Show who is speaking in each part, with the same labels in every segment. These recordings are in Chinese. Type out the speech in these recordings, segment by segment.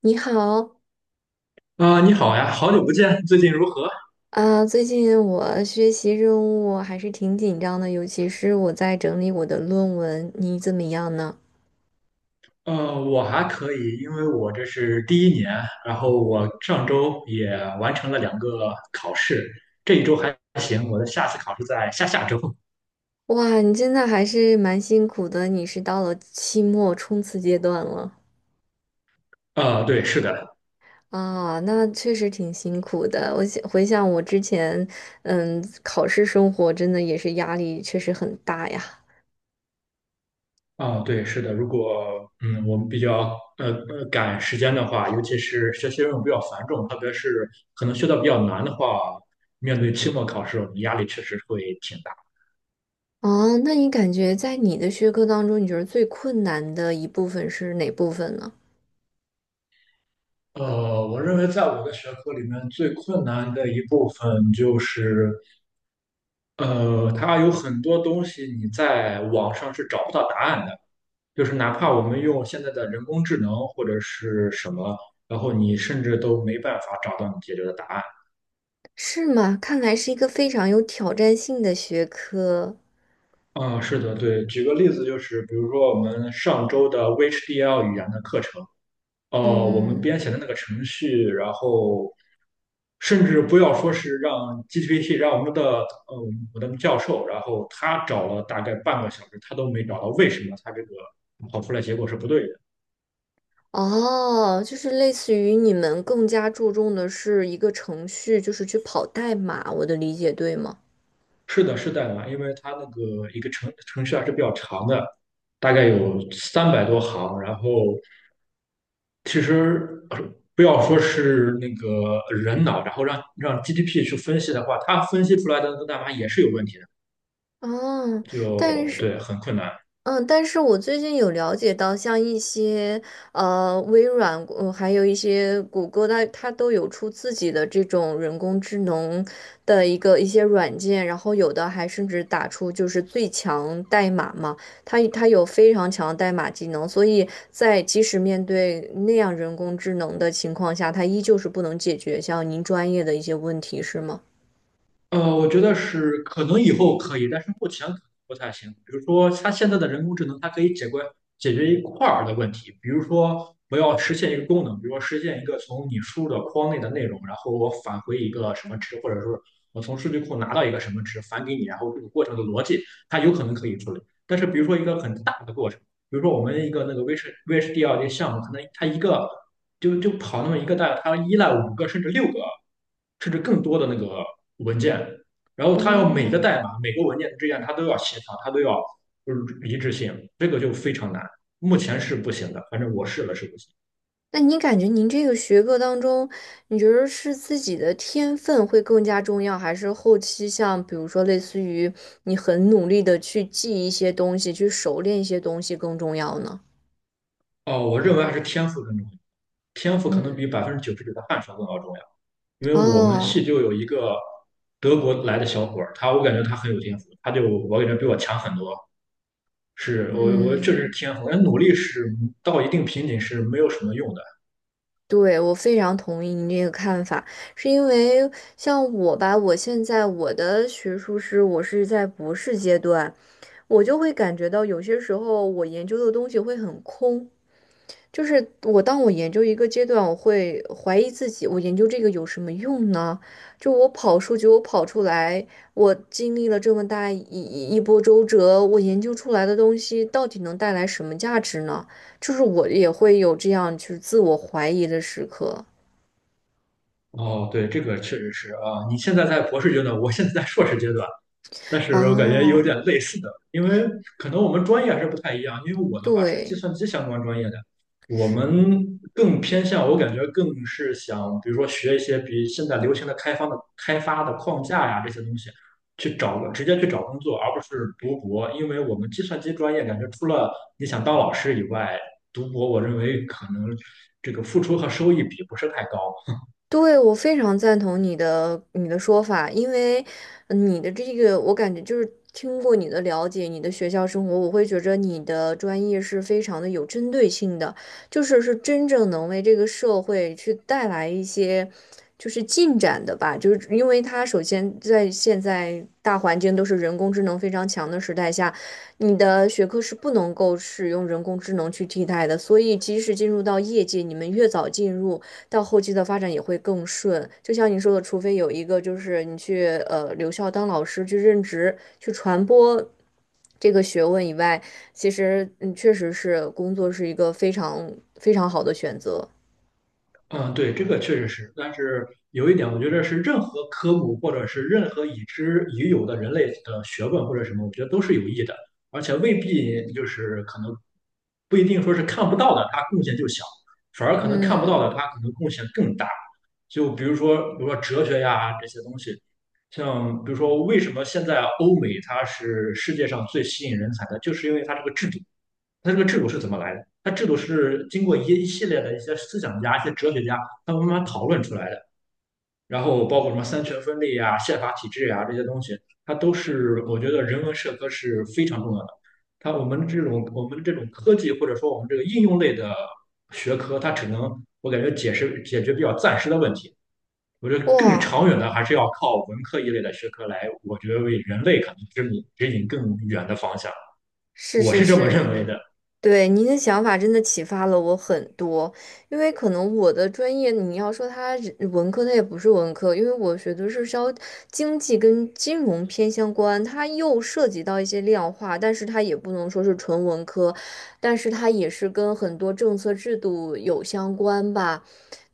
Speaker 1: 你好。
Speaker 2: 啊、你好呀，好久不见，最近如何？
Speaker 1: 最近我学习任务还是挺紧张的，尤其是我在整理我的论文。你怎么样呢？
Speaker 2: 我还可以，因为我这是第一年，然后我上周也完成了两个考试，这一周还行，我的下次考试在下下周。
Speaker 1: 哇，你真的还是蛮辛苦的，你是到了期末冲刺阶段了。
Speaker 2: 啊、对，是的，
Speaker 1: 那确实挺辛苦的。我想回想我之前，考试生活真的也是压力确实很大呀。
Speaker 2: 啊、对，是的，如果我们比较赶时间的话，尤其是学习任务比较繁重，特别是可能学到比较难的话，面对期末考试，我们压力确实会挺大。
Speaker 1: 哦，那你感觉在你的学科当中，你觉得最困难的一部分是哪部分呢？
Speaker 2: 我认为在我的学科里面最困难的一部分就是，它有很多东西你在网上是找不到答案的，就是哪怕我们用现在的人工智能或者是什么，然后你甚至都没办法找到你解决的答案。
Speaker 1: 是吗？看来是一个非常有挑战性的学科。
Speaker 2: 啊，是的，对。举个例子，就是比如说我们上周的 VHDL 语言的课程。哦，我们
Speaker 1: 嗯。
Speaker 2: 编写的那个程序，然后甚至不要说是让 GPT,让我们的呃我的教授，然后他找了大概半个小时，他都没找到为什么他这个跑出来结果是不对的。
Speaker 1: 哦，就是类似于你们更加注重的是一个程序，就是去跑代码，我的理解对吗？
Speaker 2: 是的，是的啊，因为它那个一个程序还是比较长的，大概有300多行，然后其实不要说是那个人脑，然后让 GDP 去分析的话，它分析出来的那个代码也是有问题的，
Speaker 1: 哦，但
Speaker 2: 就
Speaker 1: 是
Speaker 2: 对，很困难。
Speaker 1: 嗯，但是我最近有了解到，像一些微软，还有一些谷歌，它都有出自己的这种人工智能的一个一些软件，然后有的还甚至打出就是最强代码嘛，它有非常强的代码技能，所以在即使面对那样人工智能的情况下，它依旧是不能解决像您专业的一些问题，是吗？
Speaker 2: 我觉得是可能以后可以，但是目前可能不太行。比如说，它现在的人工智能，它可以解决一块儿的问题，比如说我要实现一个功能，比如说实现一个从你输入的框内的内容，然后我返回一个什么值，或者说我从数据库拿到一个什么值返给你，然后这个过程的逻辑，它有可能可以处理。但是比如说一个很大的过程。比如说我们一个那个 VHDL 个项目，可能它一个就跑那么一个大概，它依赖五个甚至六个甚至更多的那个文件，然后它要每个
Speaker 1: 哦，
Speaker 2: 代码每个文件之间它都要协调，它都要就是一致性，这个就非常难，目前是不行的，反正我试了是不行。
Speaker 1: 那您感觉您这个学科当中，你觉得是自己的天分会更加重要，还是后期像比如说类似于你很努力的去记一些东西，去熟练一些东西更重要呢？
Speaker 2: 哦，我认为还是天赋更重要，天赋可能
Speaker 1: 嗯。
Speaker 2: 比99%的汗水更要重要，因为我们系
Speaker 1: 哦。
Speaker 2: 就有一个德国来的小伙儿，他我感觉他很有天赋，他就我感觉比我强很多。是我确实
Speaker 1: 嗯，
Speaker 2: 赋。人努力是到一定瓶颈是没有什么用的。
Speaker 1: 对，我非常同意您这个看法，是因为像我吧，我现在我的学术是我是在博士阶段，我就会感觉到有些时候我研究的东西会很空，就是我，当我研究一个阶段，我会怀疑自己，我研究这个有什么用呢？就我跑数据，我跑出来，我经历了这么大一波周折，我研究出来的东西到底能带来什么价值呢？就是我也会有这样就是自我怀疑的时刻。
Speaker 2: 哦，对，这个确实是啊。你现在在博士阶段，我现在在硕士阶段，但是我感觉
Speaker 1: 哦，
Speaker 2: 有点类似的，因为可能我们专业还是不太一样。因为我的话是计
Speaker 1: 对。
Speaker 2: 算机相关专业的，我们更偏向，我感觉更是想，比如说学一些比现在流行的开发的框架呀这些东西，去找个直接去找工作，而不是读博。因为我们计算机专业感觉除了你想当老师以外，读博我认为可能这个付出和收益比不是太高。
Speaker 1: 对，我非常赞同你的说法，因为你的这个，我感觉就是听过你的了解，你的学校生活，我会觉着你的专业是非常的有针对性的，就是是真正能为这个社会去带来一些就是进展的吧，就是因为它首先在现在大环境都是人工智能非常强的时代下，你的学科是不能够使用人工智能去替代的，所以即使进入到业界，你们越早进入。到后期的发展也会更顺。就像你说的，除非有一个就是你去留校当老师去任职去传播这个学问以外，其实确实是工作是一个非常非常好的选择。
Speaker 2: 嗯，对，这个确实是，但是有一点，我觉得是任何科目或者是任何已知已有的人类的学问或者什么，我觉得都是有益的，而且未必就是可能不一定说是看不到的，它贡献就小，反而可能看不到
Speaker 1: 嗯。
Speaker 2: 的，它可能贡献更大。就比如说，比如说哲学呀这些东西，像比如说为什么现在欧美它是世界上最吸引人才的，就是因为它这个制度。它这个制度是怎么来的？它制度是经过一系列的一些思想家、一些哲学家，他们慢慢讨论出来的。然后包括什么三权分立啊、宪法体制啊这些东西，它都是我觉得人文社科是非常重要的。它我们这种科技或者说我们这个应用类的学科，它只能我感觉解释解决比较暂时的问题。我觉得更
Speaker 1: 哇，
Speaker 2: 长远的还是要靠文科一类的学科来，我觉得为人类可能指引更远的方向。
Speaker 1: 是
Speaker 2: 我
Speaker 1: 是
Speaker 2: 是这么认
Speaker 1: 是。
Speaker 2: 为的。
Speaker 1: 对，您的想法真的启发了我很多，因为可能我的专业，你要说它是文科，它也不是文科，因为我学的是稍经济跟金融偏相关，它又涉及到一些量化，但是它也不能说是纯文科，但是它也是跟很多政策制度有相关吧。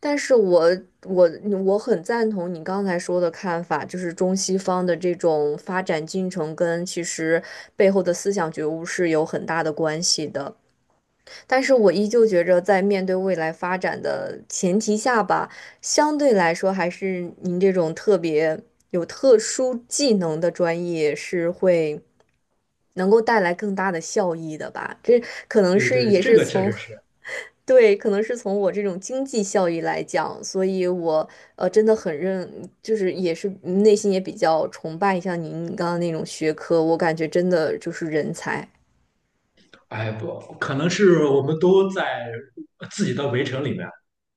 Speaker 1: 但是我我很赞同你刚才说的看法，就是中西方的这种发展进程跟其实背后的思想觉悟是有很大的关系的。但是我依旧觉着，在面对未来发展的前提下吧，相对来说，还是您这种特别有特殊技能的专业是会能够带来更大的效益的吧？这可能
Speaker 2: 对
Speaker 1: 是
Speaker 2: 对，
Speaker 1: 也
Speaker 2: 这
Speaker 1: 是
Speaker 2: 个确
Speaker 1: 从
Speaker 2: 实是。
Speaker 1: 对，可能是从我这种经济效益来讲，所以我真的很认，就是也是内心也比较崇拜像您刚刚那种学科，我感觉真的就是人才。
Speaker 2: 哎不，可能是我们都在自己的围城里面，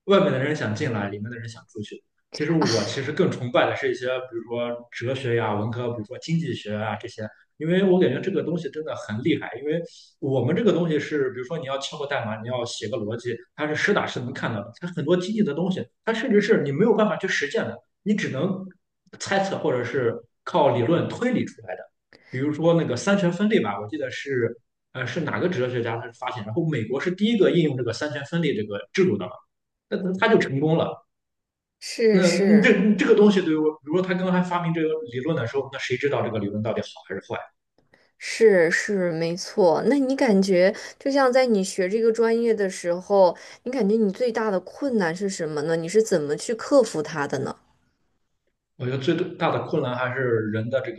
Speaker 2: 外面的人想进来，里面的人想出去。其实我其实更崇拜的是一些，比如说哲学呀、文科，比如说经济学啊这些，因为我感觉这个东西真的很厉害。因为我们这个东西是，比如说你要敲个代码，你要写个逻辑，它是实打实能看到的。它很多经济的东西，它甚至是你没有办法去实践的，你只能猜测或者是靠理论推理出来的。比如说那个三权分立吧，我记得是是哪个哲学家他是发现，然后美国是第一个应用这个三权分立这个制度的嘛，那他就成功了。
Speaker 1: 是
Speaker 2: 那
Speaker 1: 是。
Speaker 2: 这个东西对于我，比如说他刚才发明这个理论的时候，那谁知道这个理论到底好还是坏？
Speaker 1: 是是没错，那你感觉就像在你学这个专业的时候，你感觉你最大的困难是什么呢？你是怎么去克服它的呢？
Speaker 2: 我觉得最大的困难还是人的这个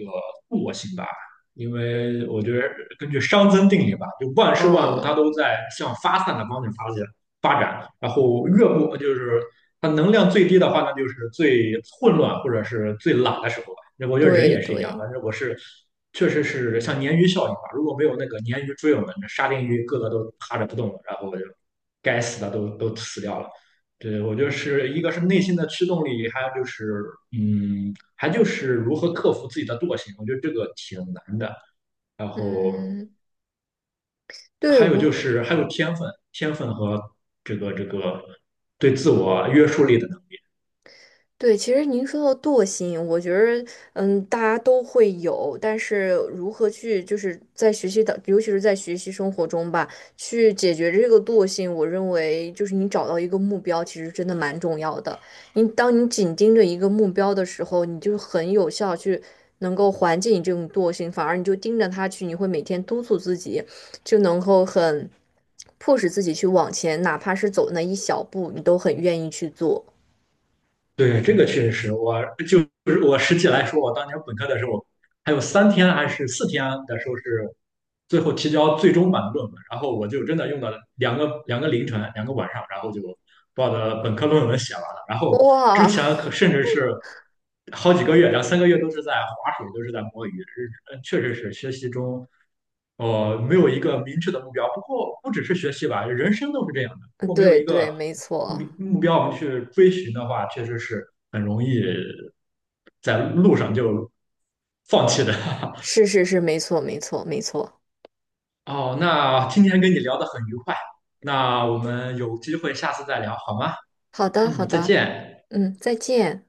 Speaker 2: 惰性吧，因为我觉得根据熵增定理吧，就万事万物它
Speaker 1: 嗯，
Speaker 2: 都在向发散的方向发展，然后越不就是它能量最低的话呢，那就是最混乱或者是最懒的时候吧。那我觉得人
Speaker 1: 对
Speaker 2: 也是一样，
Speaker 1: 对。
Speaker 2: 反正我是确实是像鲶鱼效应吧，如果没有那个鲶鱼追我们，那沙丁鱼个个都趴着不动了，然后就该死的都死掉了。对，我觉得是一个是内心的驱动力，还有就是，还就是如何克服自己的惰性，我觉得这个挺难的。然后
Speaker 1: 嗯，对
Speaker 2: 还有就
Speaker 1: 我。
Speaker 2: 是还有天分，天分和这个对自我约束力的
Speaker 1: 对，其实您说到惰性，我觉得，大家都会有，但是如何去，就是在学习的，尤其是在学习生活中吧，去解决这个惰性，我认为就是你找到一个目标，其实真的蛮重要的。你当你紧盯着一个目标的时候，你就很有效去能够缓解你这种惰性，反而你就盯着它去，你会每天督促自己，就能够很迫使自己去往前，哪怕是走那一小步，你都很愿意去做。
Speaker 2: 对，这个确实是我，就是我实际来说，我当年本科的时候，还有3天还是4天的时候是最后提交最终版的论文，然后我就真的用了两个凌晨，两个晚上，然后就把我的本科论文写完了。然后之
Speaker 1: 哇！
Speaker 2: 前 可甚至是好几个月，两三个月都是在划水，都是在摸鱼，是确实是学习中。没有一个明确的目标。不过不只是学习吧，人生都是这样的。如
Speaker 1: 嗯，
Speaker 2: 果没有
Speaker 1: 对
Speaker 2: 一
Speaker 1: 对，
Speaker 2: 个
Speaker 1: 没错。
Speaker 2: 明目标我们去追寻的话，确实是很容易在路上就放弃的。
Speaker 1: 是是是，没错没错没错。
Speaker 2: 哦，那今天跟你聊得很愉快，那我们有机会下次再聊好吗？
Speaker 1: 好的好
Speaker 2: 嗯，再
Speaker 1: 的。
Speaker 2: 见。
Speaker 1: 嗯，再见。